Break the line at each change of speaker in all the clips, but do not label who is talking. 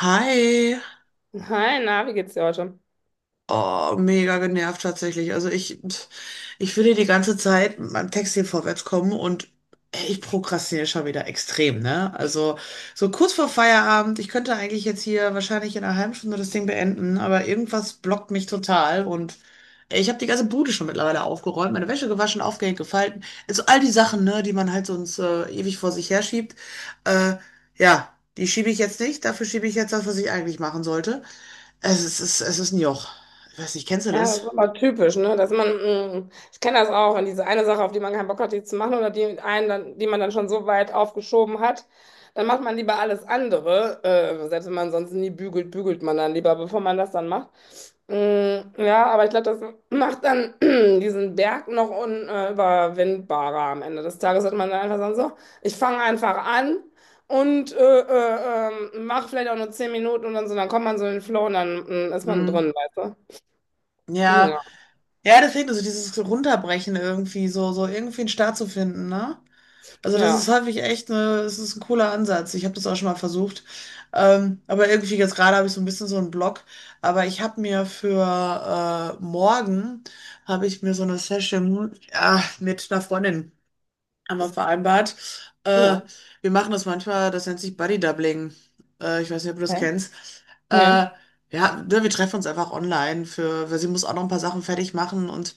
Hi.
Hi, na, wie geht's dir heute?
Oh, mega genervt tatsächlich. Also ich will hier die ganze Zeit mit meinem Text hier vorwärts kommen und ich prokrastiniere schon wieder extrem, ne? Also so kurz vor Feierabend, ich könnte eigentlich jetzt hier wahrscheinlich in einer halben Stunde das Ding beenden, aber irgendwas blockt mich total und ich habe die ganze Bude schon mittlerweile aufgeräumt, meine Wäsche gewaschen, aufgehängt, gefalten. Also all die Sachen, ne, die man halt sonst ewig vor sich herschiebt. Äh, ja, die schiebe ich jetzt nicht, dafür schiebe ich jetzt das, was ich eigentlich machen sollte. Es ist ein Joch. Ich weiß nicht, kennst du
Ja,
das?
das ist aber typisch, ne? Dass man, ich kenne das auch, wenn diese eine Sache, auf die man keinen Bock hat, die zu machen oder die einen, dann, die man dann schon so weit aufgeschoben hat, dann macht man lieber alles andere. Selbst wenn man sonst nie bügelt, bügelt man dann lieber, bevor man das dann macht. Mm, ja, aber ich glaube, das macht dann diesen Berg noch unüberwindbarer. Am Ende des Tages, hat man dann einfach sagen, so, ich fange einfach an. Und mach vielleicht auch nur 10 Minuten und dann so, dann kommt man so in den Flow und dann ist man
Hm.
drin, weißt du?
Ja,
Ja.
ja, das fehlt so dieses Runterbrechen irgendwie, so, so irgendwie einen Start zu finden, ne? Also das ist
Ja,
häufig echt es ist ein cooler Ansatz. Ich habe das auch schon mal versucht. Aber irgendwie jetzt gerade habe ich so ein bisschen so einen Block. Aber ich habe mir für morgen habe ich mir so eine Session mit einer Freundin haben wir vereinbart. Äh,
ja.
wir machen das manchmal, das nennt sich Buddy Doubling. Ich weiß nicht, ob du das
Okay.
kennst. Äh,
Ja.
ja, ne, wir treffen uns einfach online für, weil sie muss auch noch ein paar Sachen fertig machen und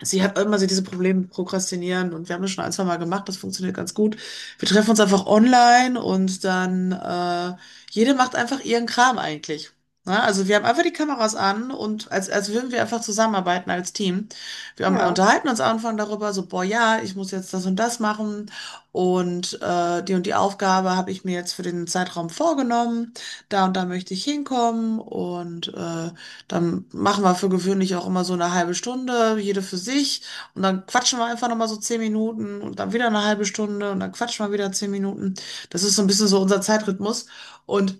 sie hat immer so diese Probleme mit Prokrastinieren und wir haben das schon ein, zwei Mal gemacht, das funktioniert ganz gut. Wir treffen uns einfach online und dann jede macht einfach ihren Kram eigentlich. Ne? Also wir haben einfach die Kameras an und als würden wir einfach zusammenarbeiten als Team. Wir haben
Ja,
unterhalten uns am Anfang darüber, so, boah, ja, ich muss jetzt das und das machen und die und die Aufgabe habe ich mir jetzt für den Zeitraum vorgenommen. Da und da möchte ich hinkommen und dann machen wir für gewöhnlich auch immer so eine halbe Stunde, jede für sich. Und dann quatschen wir einfach nochmal so zehn Minuten und dann wieder eine halbe Stunde und dann quatschen wir wieder zehn Minuten. Das ist so ein bisschen so unser Zeitrhythmus. Und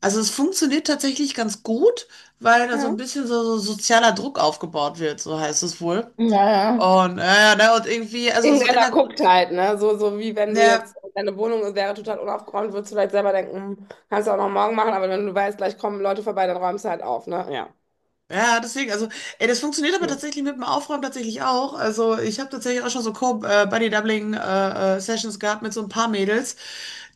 also es funktioniert tatsächlich ganz gut, weil da so ein
ja.
bisschen so sozialer Druck aufgebaut wird, so heißt es wohl.
Naja.
Und, ne, und irgendwie, also so in
Irgendeiner
der,
guckt halt, ne? So, so wie wenn du
ja,
jetzt, deine Wohnung wäre total unaufgeräumt, würdest du vielleicht selber denken, hm, kannst du auch noch morgen machen, aber wenn du weißt, gleich kommen Leute vorbei, dann räumst du halt auf, ne? Ja.
Ja, deswegen, also, ey, das funktioniert aber
Hm.
tatsächlich mit dem Aufräumen tatsächlich auch. Also, ich habe tatsächlich auch schon so Co-Buddy-Doubling-Sessions gehabt mit so ein paar Mädels,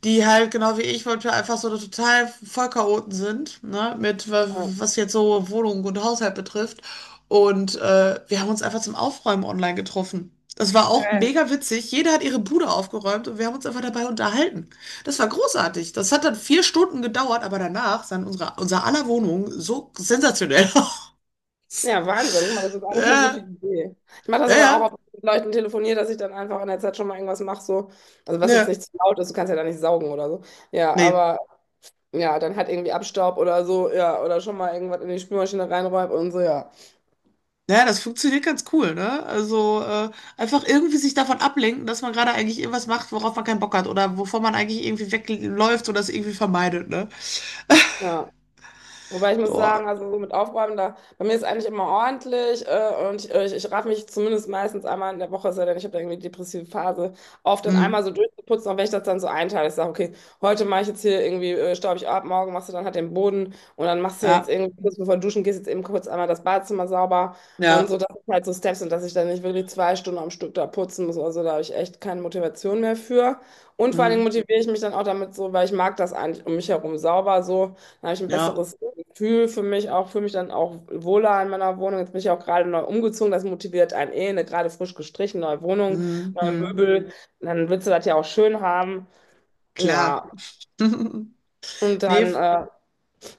die halt genau wie ich wollte, einfach so total Vollchaoten sind, ne, mit
Ja.
was jetzt so Wohnung und Haushalt betrifft. Und wir haben uns einfach zum Aufräumen online getroffen. Das war auch
Geil.
mega witzig. Jeder hat ihre Bude aufgeräumt und wir haben uns einfach dabei unterhalten. Das war großartig. Das hat dann vier Stunden gedauert, aber danach sah unser aller Wohnung so sensationell
Ja, Wahnsinn. Guck mal, das ist eigentlich eine gute
Ja,
Idee. Ich mache das
ja,
aber auch,
ja,
oft mit Leuten telefoniere, dass ich dann einfach in der Zeit schon mal irgendwas mache, so. Also was jetzt
ja,
nicht zu laut ist, du kannst ja da nicht saugen oder so. Ja,
nee.
aber ja, dann halt irgendwie Abstaub oder so, ja, oder schon mal irgendwas in die Spülmaschine reinräumt und so, ja.
Naja, das funktioniert ganz cool, ne? Also einfach irgendwie sich davon ablenken, dass man gerade eigentlich irgendwas macht, worauf man keinen Bock hat oder wovon man eigentlich irgendwie wegläuft oder es irgendwie vermeidet, ne?
Ja, wobei ich muss
Oh,
sagen, also so mit Aufräumen, da, bei mir ist eigentlich immer ordentlich und ich raff mich zumindest meistens einmal in der Woche, es sei denn, ich habe da irgendwie eine depressive Phase, auf, dann
mm,
einmal so durchzuputzen, auch wenn ich das dann so einteile. Ich sage, okay, heute mache ich jetzt hier irgendwie, staub ich ab, morgen machst du dann halt den Boden und dann machst du jetzt
ja,
irgendwie kurz bevor du duschen gehst, jetzt eben kurz einmal das Badezimmer sauber und so,
ja,
das sind halt so Steps und dass ich dann nicht wirklich 2 Stunden am Stück da putzen muss. Also da habe ich echt keine Motivation mehr für. Und vor allen Dingen
mm,
motiviere ich mich dann auch damit so, weil ich mag das eigentlich um mich herum sauber so. Dann habe ich ein
ja,
besseres fühle für mich auch, fühle mich dann auch wohler in meiner Wohnung. Jetzt bin ich auch gerade neu umgezogen, das motiviert einen eh, eine gerade frisch gestrichen, neue Wohnung,
mm,
neue
mm,
Möbel. Dann willst du das ja auch schön haben.
klar.
Ja, und
Nee,
dann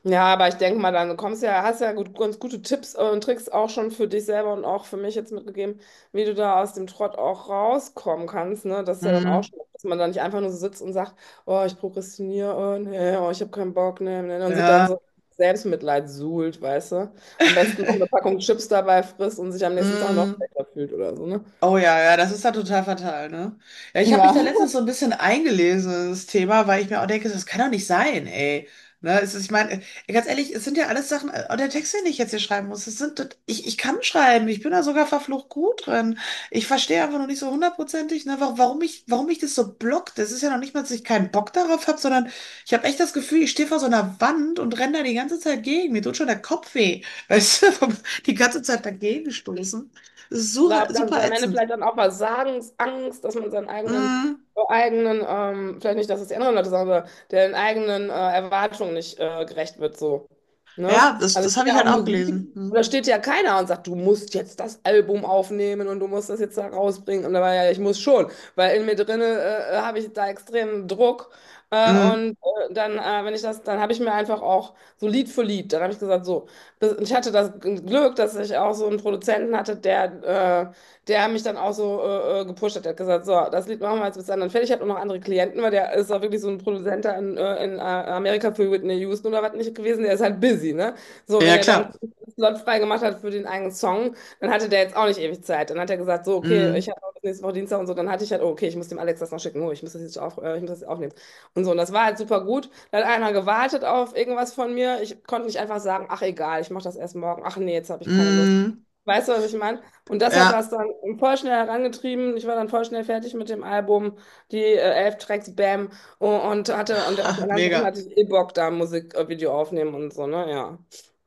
ja, aber ich denke mal, dann kommst ja, hast ja gut, ganz gute Tipps und Tricks auch schon für dich selber und auch für mich jetzt mitgegeben, wie du da aus dem Trott auch rauskommen kannst, ne? Das ist ja dann auch
mm,
schon, dass man da nicht einfach nur so sitzt und sagt, oh, ich prokrastiniere, oh, nee, oh, ich habe keinen Bock, nee, nee, und sich dann
ja,
so Selbstmitleid suhlt, weißt du? Am besten noch eine Packung Chips dabei frisst und sich am nächsten Tag noch
mm.
schlechter fühlt oder so, ne?
Oh ja, ja, das ist da total fatal, ne? Ja, ich habe mich
Ja,
da letztens so ein bisschen eingelesen in das Thema, weil ich mir auch denke, das kann doch nicht sein, ey. Ne, es ist, ich meine, ganz ehrlich, es sind ja alles Sachen, auch der Text, den ich jetzt hier schreiben muss, es sind, ich kann schreiben, ich bin da sogar verflucht gut drin. Ich verstehe einfach noch nicht so hundertprozentig, ne, warum mich das so blockt. Das ist ja noch nicht mal, dass ich keinen Bock darauf habe, sondern ich habe echt das Gefühl, ich stehe vor so einer Wand und renne da die ganze Zeit gegen. Mir tut schon der Kopf weh, weißt du, die ganze Zeit dagegen stoßen. Das ist
ich
super,
glaube, das ist
super
am Ende
ätzend.
vielleicht dann auch Versagens Angst, dass man seinen eigenen,
Mhm.
äh, eigenen ähm, vielleicht nicht, dass es die anderen Leute sagen, aber den eigenen Erwartungen nicht gerecht wird, so. Ne?
Ja, das,
Also
das
ich
habe
habe
ich
ja auch
halt auch
Musik,
gelesen.
und da
Mhm.
steht ja keiner und sagt, du musst jetzt das Album aufnehmen und du musst das jetzt da rausbringen. Und da war ja, ich muss schon, weil in mir drinne habe ich da extremen Druck.
Mhm.
Und dann, wenn ich das, dann habe ich mir einfach auch so Lied für Lied, dann habe ich gesagt, so das, ich hatte das Glück, dass ich auch so einen Produzenten hatte, der mich dann auch so gepusht hat. Der hat gesagt, so, das Lied machen wir jetzt bis dann fertig. Ich habe auch noch andere Klienten, weil der ist auch wirklich so ein Produzent da in Amerika für Whitney Houston oder was nicht gewesen. Der ist halt busy, ne? So, wenn
Ja,
er dann
klar.
einen Slot frei gemacht hat für den eigenen Song, dann hatte der jetzt auch nicht ewig Zeit. Dann hat er gesagt, so, okay,
Mhm.
ich habe nächste Woche Dienstag und so. Dann hatte ich halt, oh, okay, ich muss dem Alex das noch schicken. Oh, ich muss das jetzt aufnehmen. Und so, und das war halt super gut. Da hat einer gewartet auf irgendwas von mir. Ich konnte nicht einfach sagen, ach egal, ich mache das erst morgen. Ach nee, jetzt habe ich keine Lust.
Mhm.
Weißt du, was ich meine? Und das hat das
Ja,
dann voll schnell herangetrieben. Ich war dann voll schnell fertig mit dem Album, die 11 Tracks, bam. Und hatte, und auf den anderen Sachen
mega.
hatte ich eh Bock, da Musikvideo aufnehmen und so, ne? Ja.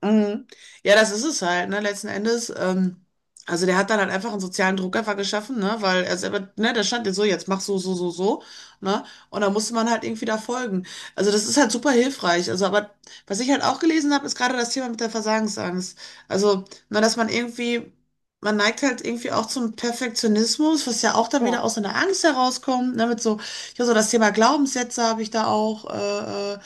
Mhm. Ja, das ist es halt, ne, letzten Endes. Also der hat dann halt einfach einen sozialen Druck einfach geschaffen, ne, weil er selber, ne, da stand jetzt so, jetzt mach so, so, so, so, ne, und da musste man halt irgendwie da folgen. Also das ist halt super hilfreich. Also, aber was ich halt auch gelesen habe, ist gerade das Thema mit der Versagensangst. Also, ne, dass man irgendwie, man neigt halt irgendwie auch zum Perfektionismus, was ja auch dann
Ja.
wieder aus so einer Angst herauskommt, ne, mit so, ja, so das Thema Glaubenssätze habe ich da auch, äh, äh,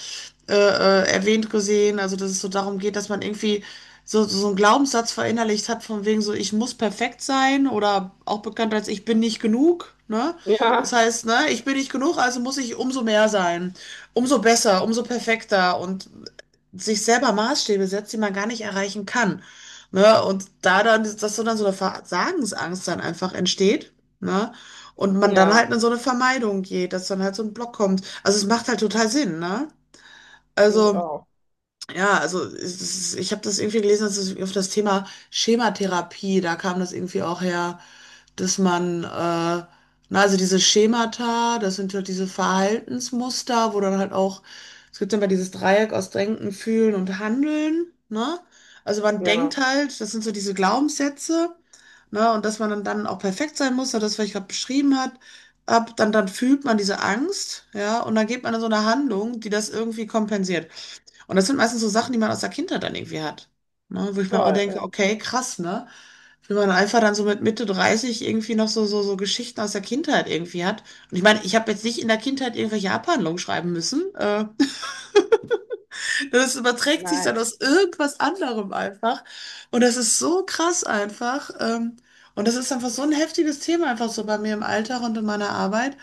äh, äh, erwähnt gesehen, also dass es so darum geht, dass man irgendwie so, so einen Glaubenssatz verinnerlicht hat, von wegen so, ich muss perfekt sein oder auch bekannt als ich bin nicht genug, ne? Das
Ja.
heißt, ne, ich bin nicht genug, also muss ich umso mehr sein, umso besser, umso perfekter und sich selber Maßstäbe setzt, die man gar nicht erreichen kann, ne? Und da dann, dass so dann so eine Versagensangst dann einfach entsteht, ne? Und man dann
Ja.
halt in so eine Vermeidung geht, dass dann halt so ein Block kommt. Also es macht halt total Sinn, ne?
Finde ich
Also,
auch.
ja, also ich habe das irgendwie gelesen, dass es auf das Thema Schematherapie, da kam das irgendwie auch her, dass man, na, also diese Schemata, das sind halt diese Verhaltensmuster, wo dann halt auch, es gibt immer dieses Dreieck aus Denken, Fühlen und Handeln, ne? Also man
Ja.
denkt halt, das sind so diese Glaubenssätze, ne? Und dass man dann, dann auch perfekt sein muss, so das, was ich gerade beschrieben hat, dann fühlt man diese Angst, ja, und dann geht man in so eine Handlung, die das irgendwie kompensiert. Und das sind meistens so Sachen, die man aus der Kindheit dann irgendwie hat. Ne? Wo ich mir auch
Voll.
denke,
Ja.
okay, krass, ne? Wie man einfach dann so mit Mitte 30 irgendwie noch so, so, so Geschichten aus der Kindheit irgendwie hat. Und ich meine, ich habe jetzt nicht in der Kindheit irgendwelche Abhandlungen schreiben müssen. Das überträgt sich
Nein.
dann aus irgendwas anderem einfach. Und das ist so krass einfach. Und das ist einfach so ein heftiges Thema einfach so bei mir im Alltag und in meiner Arbeit.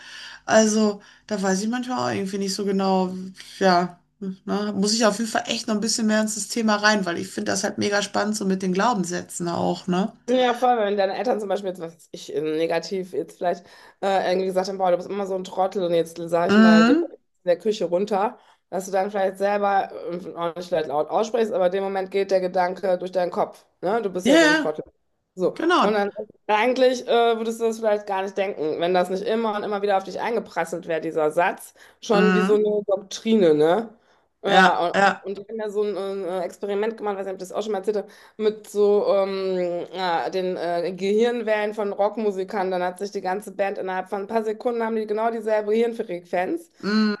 Also, da weiß ich manchmal auch irgendwie nicht so genau, ja, ne, muss ich auf jeden Fall echt noch ein bisschen mehr ins Thema rein, weil ich finde das halt mega spannend, so mit den Glaubenssätzen auch, ne?
Ja, voll, wenn deine Eltern zum Beispiel jetzt, was weiß ich, negativ jetzt vielleicht irgendwie gesagt haben, boah, du bist immer so ein Trottel und jetzt sage ich mal dir
Mhm.
in der Küche runter, dass du dann vielleicht selber auch nicht vielleicht laut aussprichst, aber in dem Moment geht der Gedanke durch deinen Kopf, ne? Du bist
Ja,
ja so ein
ja,
Trottel. So, und
genau.
dann eigentlich würdest du das vielleicht gar nicht denken, wenn das nicht immer und immer wieder auf dich eingeprasselt wäre, dieser Satz, schon wie so
Mhm.
eine Doktrine, ne?
Ja,
Ja, und,
ja.
und ich habe ja so ein Experiment gemacht, weiß nicht, ob ich das auch schon mal erzählt, mit so ja, den Gehirnwellen von Rockmusikern. Dann hat sich die ganze Band innerhalb von ein paar Sekunden haben die genau dieselbe Hirnfrequenz.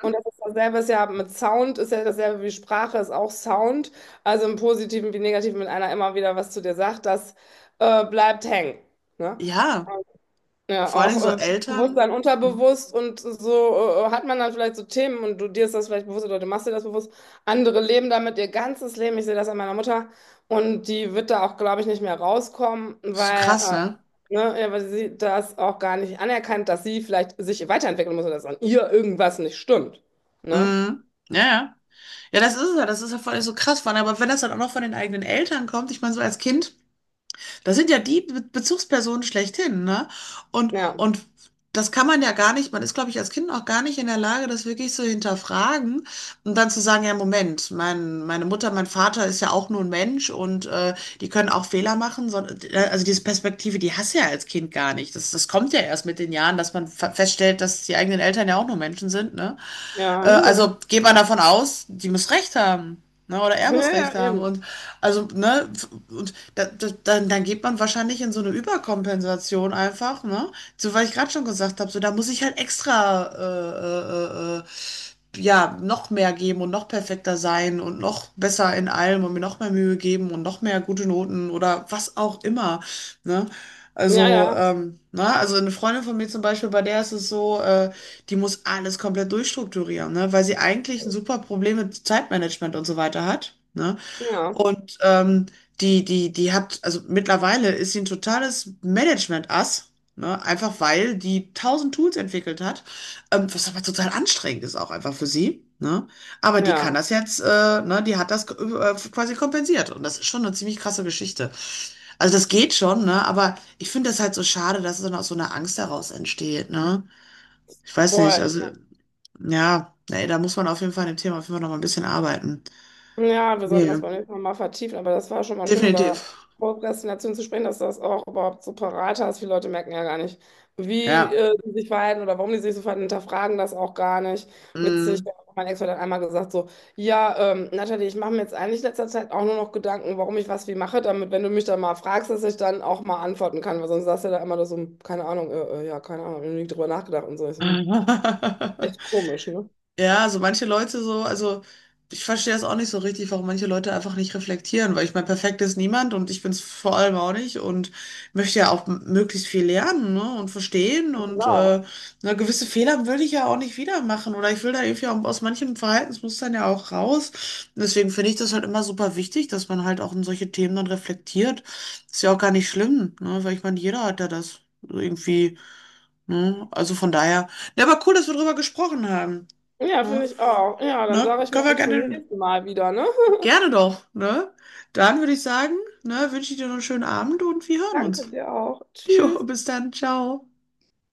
Und das ist dasselbe, ist ja mit Sound, ist ja dasselbe wie Sprache, ist auch Sound. Also im Positiven wie Negativen, wenn einer immer wieder was zu dir sagt, das bleibt hängen. Ne?
Ja,
Ja,
vor
auch
allem so Eltern.
Bewusstsein,
Mhm.
unterbewusst und so hat man dann vielleicht so Themen und du dir ist das vielleicht bewusst oder du machst dir das bewusst. Andere leben damit ihr ganzes Leben. Ich sehe das an meiner Mutter und die wird da auch, glaube ich, nicht mehr rauskommen,
Ist so
weil,
krass, ne?
ne, ja, weil sie das auch gar nicht anerkannt, dass sie vielleicht sich weiterentwickeln muss oder dass an ihr irgendwas nicht stimmt. Ne?
Mhm. Ja, ja. Ja, das ist es ja. Das ist ja voll so krass von. Aber wenn das dann auch noch von den eigenen Eltern kommt, ich meine, so als Kind, das sind ja die Be Bezugspersonen schlechthin, ne? Und,
Ja,
und das kann man ja gar nicht, man ist, glaube ich, als Kind auch gar nicht in der Lage, das wirklich zu hinterfragen und dann zu sagen, ja, Moment, meine Mutter, mein Vater ist ja auch nur ein Mensch und die können auch Fehler machen. So, also diese Perspektive, die hast du ja als Kind gar nicht. Das kommt ja erst mit den Jahren, dass man feststellt, dass die eigenen Eltern ja auch nur Menschen sind, ne? Äh,
ja,
also geht man davon aus, die muss recht haben. Ne? Oder er
ja,
muss
ja,
recht haben.
eben.
Und also, ne, und da, dann geht man wahrscheinlich in so eine Überkompensation einfach, ne? So, weil ich gerade schon gesagt habe, so da muss ich halt extra ja, noch mehr geben und noch perfekter sein und noch besser in allem und mir noch mehr Mühe geben und noch mehr gute Noten oder was auch immer, ne?
Ja,
Also,
ja,
na, also eine Freundin von mir zum Beispiel, bei der ist es so, die muss alles komplett durchstrukturieren, ne? Weil sie eigentlich ein super Problem mit Zeitmanagement und so weiter hat, ne?
ja,
Und die hat, also mittlerweile ist sie ein totales Management-Ass, ne? Einfach weil die tausend Tools entwickelt hat, was aber total anstrengend ist auch einfach für sie. Ne? Aber die kann
ja,
das jetzt, ne, die hat das quasi kompensiert. Und das ist schon eine ziemlich krasse Geschichte. Also das geht schon, ne? Aber ich finde das halt so schade, dass es dann aus so einer Angst heraus entsteht, ne? Ich weiß nicht,
voll.
also. Ja, nee, da muss man auf jeden Fall an dem Thema auf jeden Fall noch mal ein bisschen arbeiten.
Ja, wir sollten das
Nee,
beim nächsten Mal mal vertiefen, aber das war schon mal schön, über
definitiv.
Prokrastination zu sprechen, dass du das auch überhaupt so parat hast. Viele Leute merken ja gar nicht, wie
Ja.
sie sich verhalten oder warum die sich so verhalten, hinterfragen das auch gar nicht. Witzig,
Mm.
mein Ex-Freund hat einmal gesagt so, ja, Natalie, ich mache mir jetzt eigentlich in letzter Zeit auch nur noch Gedanken, warum ich was wie mache, damit, wenn du mich dann mal fragst, dass ich dann auch mal antworten kann, weil sonst sagst du ja da immer nur so, hm, keine Ahnung, ja, keine Ahnung, ich habe nie drüber nachgedacht und so. Ich so, hm, echt komisch, ne?
Ja, so manche Leute so, also ich verstehe das auch nicht so richtig, warum manche Leute einfach nicht reflektieren, weil ich meine, perfekt ist niemand und ich bin es vor allem auch nicht und möchte ja auch möglichst viel lernen, ne, und verstehen und
Genau.
na, gewisse Fehler will ich ja auch nicht wieder machen oder ich will da irgendwie auch aus manchen Verhaltensmustern ja auch raus. Und deswegen finde ich das halt immer super wichtig, dass man halt auch in solche Themen dann reflektiert. Ist ja auch gar nicht schlimm, ne, weil ich meine, jeder hat ja das irgendwie Ne? Also von daher, ja, aber cool, dass wir drüber gesprochen haben.
Ja,
Ne?
finde ich auch. Ja, dann
Ne?
sage ich
Können
mal
wir
bis zum
gerne,
nächsten Mal wieder, ne?
gerne doch, ne? Dann würde ich sagen, ne, wünsche ich dir noch einen schönen Abend und wir hören
Danke
uns.
dir auch.
Jo,
Tschüss.
bis dann, ciao.